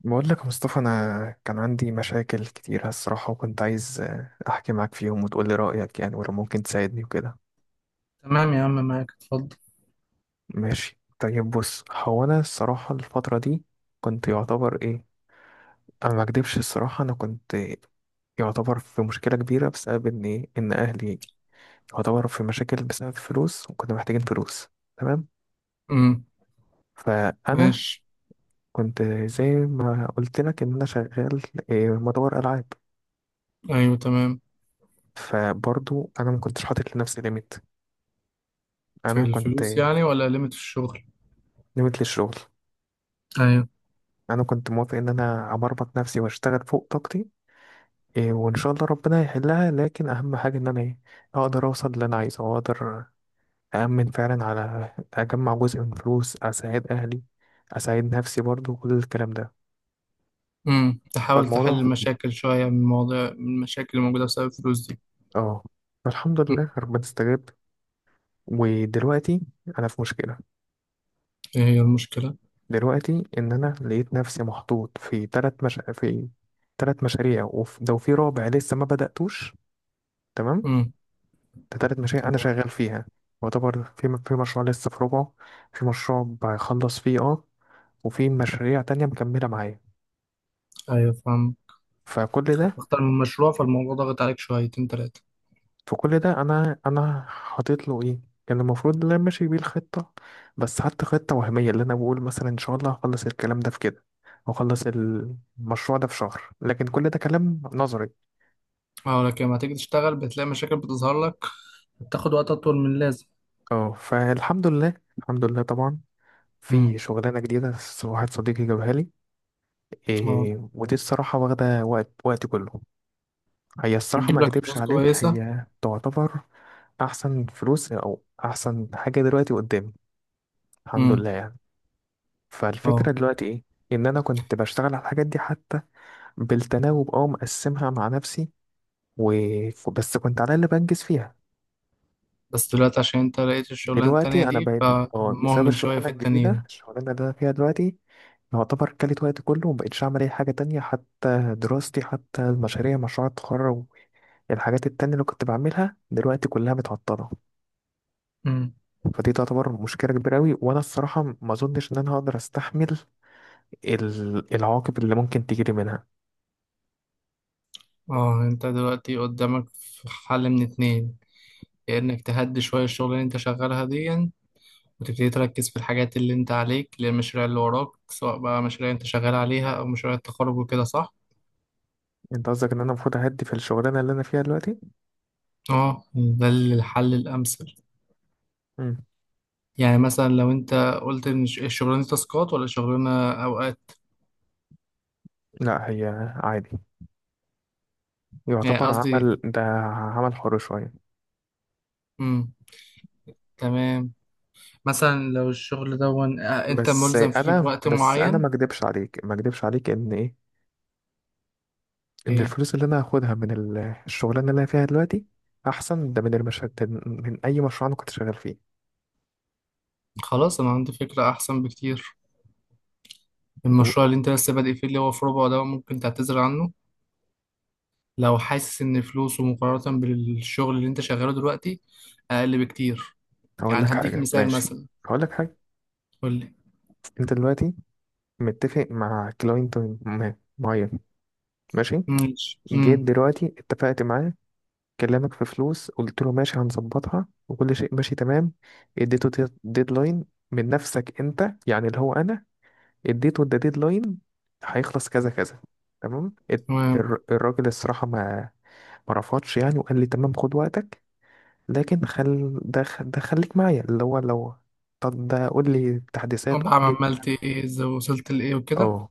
بقول لك يا مصطفى، انا كان عندي مشاكل كتير الصراحه، وكنت عايز احكي معاك فيهم وتقول لي رايك يعني، ولو ممكن تساعدني وكده. تمام يا عم، معاك، اتفضل. ماشي طيب، بص هو انا الصراحه الفتره دي كنت يعتبر ايه، انا ما اكدبش الصراحه، انا كنت يعتبر في مشكله كبيره بسبب ان ان اهلي يعتبر في مشاكل بسبب فلوس، وكنا محتاجين فلوس، تمام. امم. فانا ماشي. كنت زي ما قلت لك ان انا شغال، مطور العاب. ايوه، تمام. فبرضو انا ما كنتش حاطط لنفسي ليميت، في انا كنت الفلوس يعني ولا ليميت في الشغل؟ نمت للشغل، ايوه. انا كنت موافق ان انا ابربط نفسي واشتغل فوق طاقتي، وان شاء الله ربنا يحلها، لكن اهم حاجه ان انا اقدر اوصل اللي انا عايزه، واقدر اامن فعلا على اجمع جزء من فلوس اساعد اهلي، اساعد نفسي برضو كل الكلام ده. امم، تحاول تحل فالموضوع، المشاكل شويه، من المشاكل اللي موجوده بسبب الفلوس دي. اه فالحمد مم. لله ربنا استجاب. ودلوقتي انا في مشكله ايه هي المشكله؟ دلوقتي، ان انا لقيت نفسي محطوط في ثلاث مش... في ثلاث مشاريع، وفي رابع لسه ما بداتوش، تمام. امم. ده تالت مشاريع أنا تمام. شغال فيها، يعتبر في مشروع لسه في ربعه، في مشروع بخلص فيه، وفي مشاريع تانية مكملة معايا. ايوه، فاهم. فكل ده اختار من مشروع، فالموضوع ضاغط عليك شويتين تلاتة. في كل ده أنا حاطط له إيه، كان المفروض إن أنا ماشي بيه الخطة، بس حتى خطة وهمية اللي أنا بقول مثلا إن شاء الله هخلص الكلام ده في كده وأخلص المشروع ده في شهر، لكن كل ده كلام نظري. اه، لكن لما تيجي تشتغل بتلاقي مشاكل بتظهر لك، بتاخد وقت اطول من اللازم. اه فالحمد لله الحمد لله طبعا، في امم. شغلانة جديدة، واحد صديقي جابها لي، اه. ودي الصراحة واخدة وقت وقتي كله. هي الصراحة ما بتجيب لك اكدبش فلوس عليك، كويسه؟ هي تعتبر احسن فلوس او احسن حاجة دلوقتي قدامي، الحمد امم. لله يعني. اه. فالفكرة دلوقتي ايه، ان انا كنت بشتغل على الحاجات دي حتى بالتناوب، مقسمها مع نفسي و... بس كنت على اللي بنجز فيها. بس دلوقتي عشان انت لقيت الشغلانه التانيه دلوقتي انا دي، بقيت، اه بسبب فمهمل شويه الشغلانة في الجديدة، التانيين. الشغلانة اللي انا فيها دلوقتي يعتبر كلت وقت كله، ومبقتش أعمل أي حاجة تانية، حتى دراستي حتى المشاريع مشروع التخرج، الحاجات التانية اللي كنت بعملها دلوقتي كلها متعطلة. فدي تعتبر مشكلة كبيرة أوي، وأنا الصراحة ما أظنش إن أنا هقدر أستحمل العواقب اللي ممكن تجيلي منها. اه، انت دلوقتي قدامك في حل من اتنين: يا انك تهدي شوية الشغل اللي انت شغالها دي، وتبتدي تركز في الحاجات اللي انت عليك للمشاريع اللي وراك، سواء بقى مشاريع انت شغال عليها او مشاريع التخرج وكده، صح؟ أنت قصدك إن أنا المفروض أهدي في الشغلانة اللي أنا فيها دلوقتي؟ اه، ده الحل الامثل. مم. يعني مثلا لو انت قلت ان الشغلانة دي تاسكات ولا شغلانة اوقات. لا، هي عادي، يعني يعتبر قصدي. عمل ده عمل حر شوية. امم. تمام. مثلا لو الشغل ده ون... آه، انت بس ملزم فيه أنا بوقت بس أنا معين. ما أكدبش عليك إن ايه. الفلوس اللي أنا هاخدها من الشغلانة اللي أنا فيها دلوقتي أحسن ده من المشهد من أي مشروع أنا كنت شغال فيه. خلاص، انا عندي فكرة احسن بكتير. قول، المشروع اللي انت لسه بادئ فيه، اللي هو في ربع ده، ممكن تعتذر عنه لو حاسس ان فلوسه مقارنة بالشغل اللي انت شغاله دلوقتي اقل بكتير. هقول يعني لك هديك حاجة مثال ماشي، مثلا. هقول لك حاجة. قول لي. أنت دلوقتي متفق مع كلاينت معين، ماشي، ماشي. امم. جيت دلوقتي اتفقت معاه، كلمك في فلوس، قلت له ماشي هنظبطها وكل شيء ماشي تمام، اديته ديدلاين من نفسك انت، يعني اللي هو انا اديته ده ديدلاين، هيخلص كذا كذا، تمام. تمام. الراجل الصراحة ما رفضش يعني، وقال لي تمام خد وقتك، لكن خل ده خ- ده خليك معايا اللي هو لو، طب ده قول لي تحديثات، طب قول لي، عملت ايه؟ ازاي وصلت لايه وكده؟ اه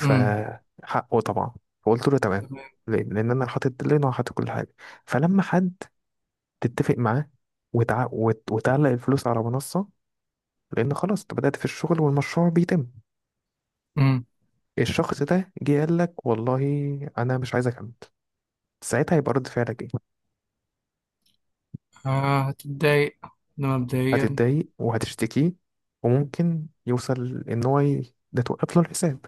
امم. طبعا، فقلت له تمام. تمام. ليه؟ لان انا حاطط ديدلاين وحاطط كل حاجه، فلما حد تتفق معاه وتعلق الفلوس على منصه، لان خلاص انت بدات في الشغل والمشروع بيتم، امم. الشخص ده جه قال لك والله انا مش عايز اكمل، ساعتها هيبقى رد فعلك ايه؟ آه، هتتضايق. ده مبدئيا. هتتضايق وهتشتكيه، وممكن يوصل ان هو ده توقف له الحساب.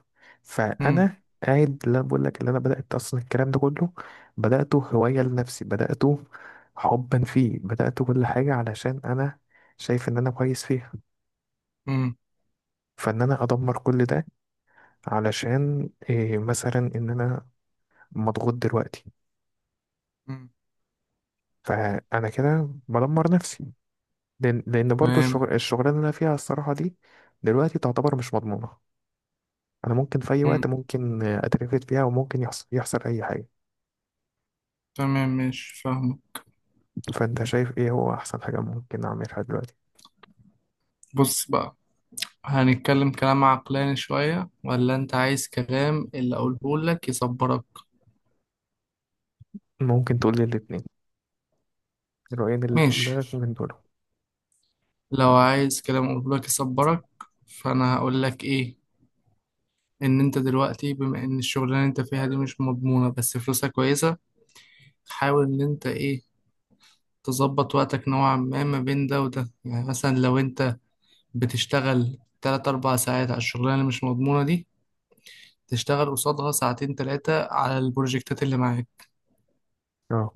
امم. فانا قاعد، لا بقول لك اللي انا بدات اصلا، الكلام ده كله بداته هوايه لنفسي، بداته حبا فيه، بداته كل حاجه علشان انا شايف ان انا كويس فيها، امم. فان انا ادمر كل ده علشان إيه، مثلا ان انا مضغوط دلوقتي، امم. فانا كده بدمر نفسي. لأن برضو تمام. الشغل الشغلانه اللي انا فيها الصراحه دي دلوقتي تعتبر مش مضمونه، انا ممكن في اي امم. وقت ممكن اترفد فيها، وممكن يحصل اي حاجه. تمام، ماشي، فاهمه. فانت شايف ايه هو احسن حاجه ممكن اعملها دلوقتي؟ بص بقى، هنتكلم كلام عقلاني شوية ولا انت عايز كلام اللي اقوله لك يصبرك؟ ممكن تقول لي الاثنين، الرأيين اللي في ماشي. دماغك من دول. لو عايز كلام قلبك يصبرك، فانا هقول لك ايه: ان انت دلوقتي بما ان الشغلانه اللي انت فيها دي مش مضمونه بس فلوسها كويسه، حاول ان انت ايه، تظبط وقتك نوعا ما ما بين ده وده. يعني مثلا لو انت بتشتغل 3 4 ساعات على الشغلانه اللي مش مضمونه دي، تشتغل قصادها ساعتين ثلاثه على البروجكتات اللي معاك. اه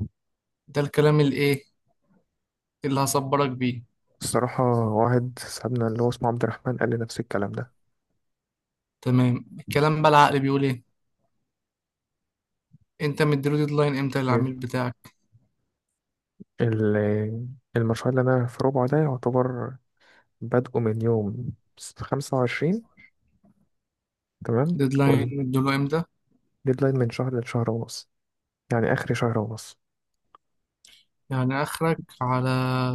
ده الكلام الايه اللي هصبرك بيه. الصراحه واحد صاحبنا اللي هو اسمه عبد الرحمن قال لي نفس الكلام ده. تمام. الكلام بقى العقل بيقول ايه. انت مديله ديدلاين امتى للعميل ليه؟ بتاعك؟ ال- المشروع اللي انا في ربعه ده يعتبر بادئه من يوم 25، تمام، ديدلاين مديله امتى؟ والديدلاين من شهر لشهر ونص، يعني اخر شهر ونص. يعني آخرك على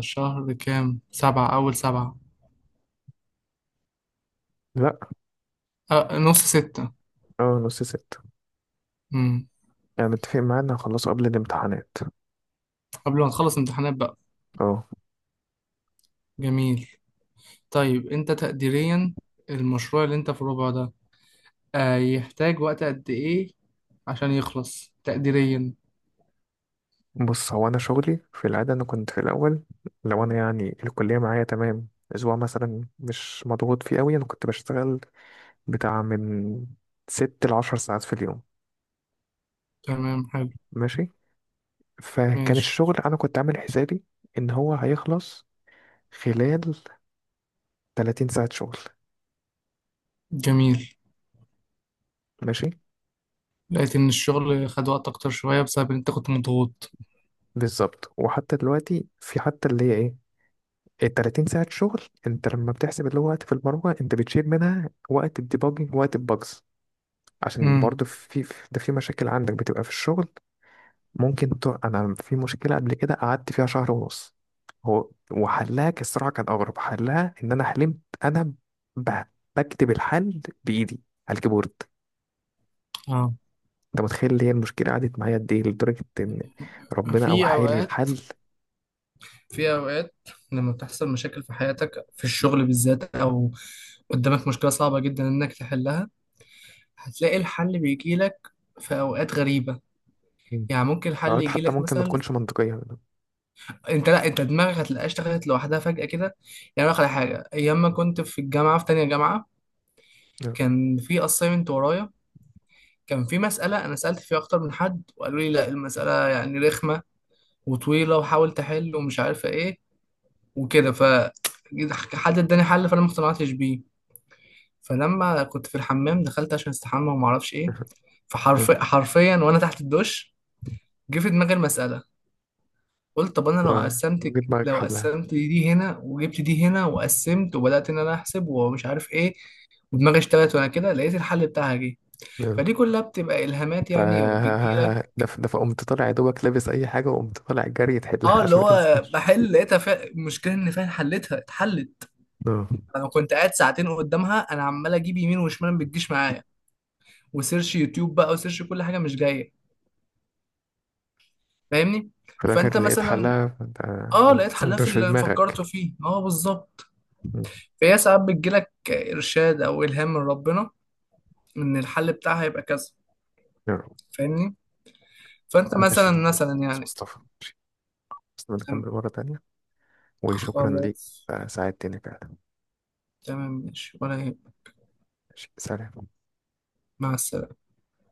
شهر كام، سبعة، أول سبعة؟ لا. أه، نص ستة. اه، نص ست. مم. يعني متفق معاه ان هخلصه قبل الامتحانات. قبل ما تخلص امتحانات بقى. اه، جميل. طيب أنت تقديريا، المشروع اللي أنت في الربع ده يحتاج وقت قد إيه عشان يخلص تقديريا؟ بص هو انا شغلي في العاده، انا كنت في الاول لو انا يعني الكليه معايا تمام، اسبوع مثلا مش مضغوط فيه قوي، انا كنت بشتغل بتاع من 6 لـ 10 ساعات في اليوم. تمام، حلو. ماشي، فكان ماشي. الشغل انا كنت عامل حسابي ان هو هيخلص خلال 30 ساعه شغل. جميل. ماشي، لقيت إن الشغل خد وقت أكتر شوية بسبب إن أنت كنت مضغوط. بالظبط، وحتى دلوقتي في حتى اللي هي ايه، ال 30 ساعه شغل، انت لما بتحسب اللي هو وقت في البرمجه انت بتشيل منها وقت الديباجنج، وقت الباجز، عشان مم. برضه ده في مشاكل عندك بتبقى في الشغل. انا في مشكله قبل كده قعدت فيها شهر ونص، هو وحلها، الصراحه كان اغرب حلها، ان انا حلمت انا ب... بكتب الحل بايدي على الكيبورد. اه. انت متخيل اللي هي المشكله قعدت معايا قد ايه، لدرجه ان ربنا او في حالي أوقات الحل. في أوقات لما بتحصل مشاكل في حياتك، في الشغل بالذات، أو قدامك مشكلة صعبة جدا إنك تحلها، هتلاقي الحل بيجيلك في أوقات غريبة. مم. يعني ممكن الحل قعدت حتى يجيلك ممكن ما مثلا، تكونش منطقيه. أنت دماغك هتلاقيها اشتغلت لوحدها فجأة كده. يعني أقول لك على حاجة، أيام ما كنت في الجامعة في تانية جامعة، كان في أسايمنت ورايا، كان في مسألة أنا سألت فيها أكتر من حد وقالوا لي لأ، المسألة يعني رخمة وطويلة وحاول تحل ومش عارفة إيه وكده، ف حد اداني حل فأنا ما اقتنعتش بيه. فلما كنت في الحمام، دخلت عشان استحمى وما اعرفش ايه، فحرفيا حرفيا وانا تحت الدش جه في دماغي المساله. قلت طب انا جيت معاك لو حلها. قسمت دي هنا وجبت دي هنا وقسمت وبدات ان انا احسب ومش عارف ايه، ودماغي اشتغلت وانا كده لقيت الحل بتاعها جه. فدي كلها بتبقى الهامات ف يعني وبتجيلك. ده فقمت طالع يا دوبك لابس اي حاجه، وقمت طالع جري تحلها اه، اللي عشان ما هو تنساش. بحل لقيتها، المشكله ان فعلا حلتها اتحلت. آه. انا كنت قاعد ساعتين قدامها، انا عمال اجيب يمين وشمال ما بتجيش معايا، وسيرش يوتيوب بقى وسيرش كل حاجه مش جايه. فاهمني؟ في فانت الاخر لقيت مثلا، حلها، فانت اه لقيت وانت حلها وانت في مش في اللي فكرته دماغك. فيه، اه بالظبط. م. فهي ساعات بتجيلك ارشاد او الهام من ربنا ان الحل بتاعها يبقى كذا. يا رب. فاهمني؟ فانت ماشي، مثلا ماشي، مثلا بس يعني. مصطفى ماشي، بس تم- نكمل مره تانية، وشكرا ليك، خلاص. ساعدتني فعلا. تمام ماشي، ولا يهمك. ماشي، سلام. مع السلامه.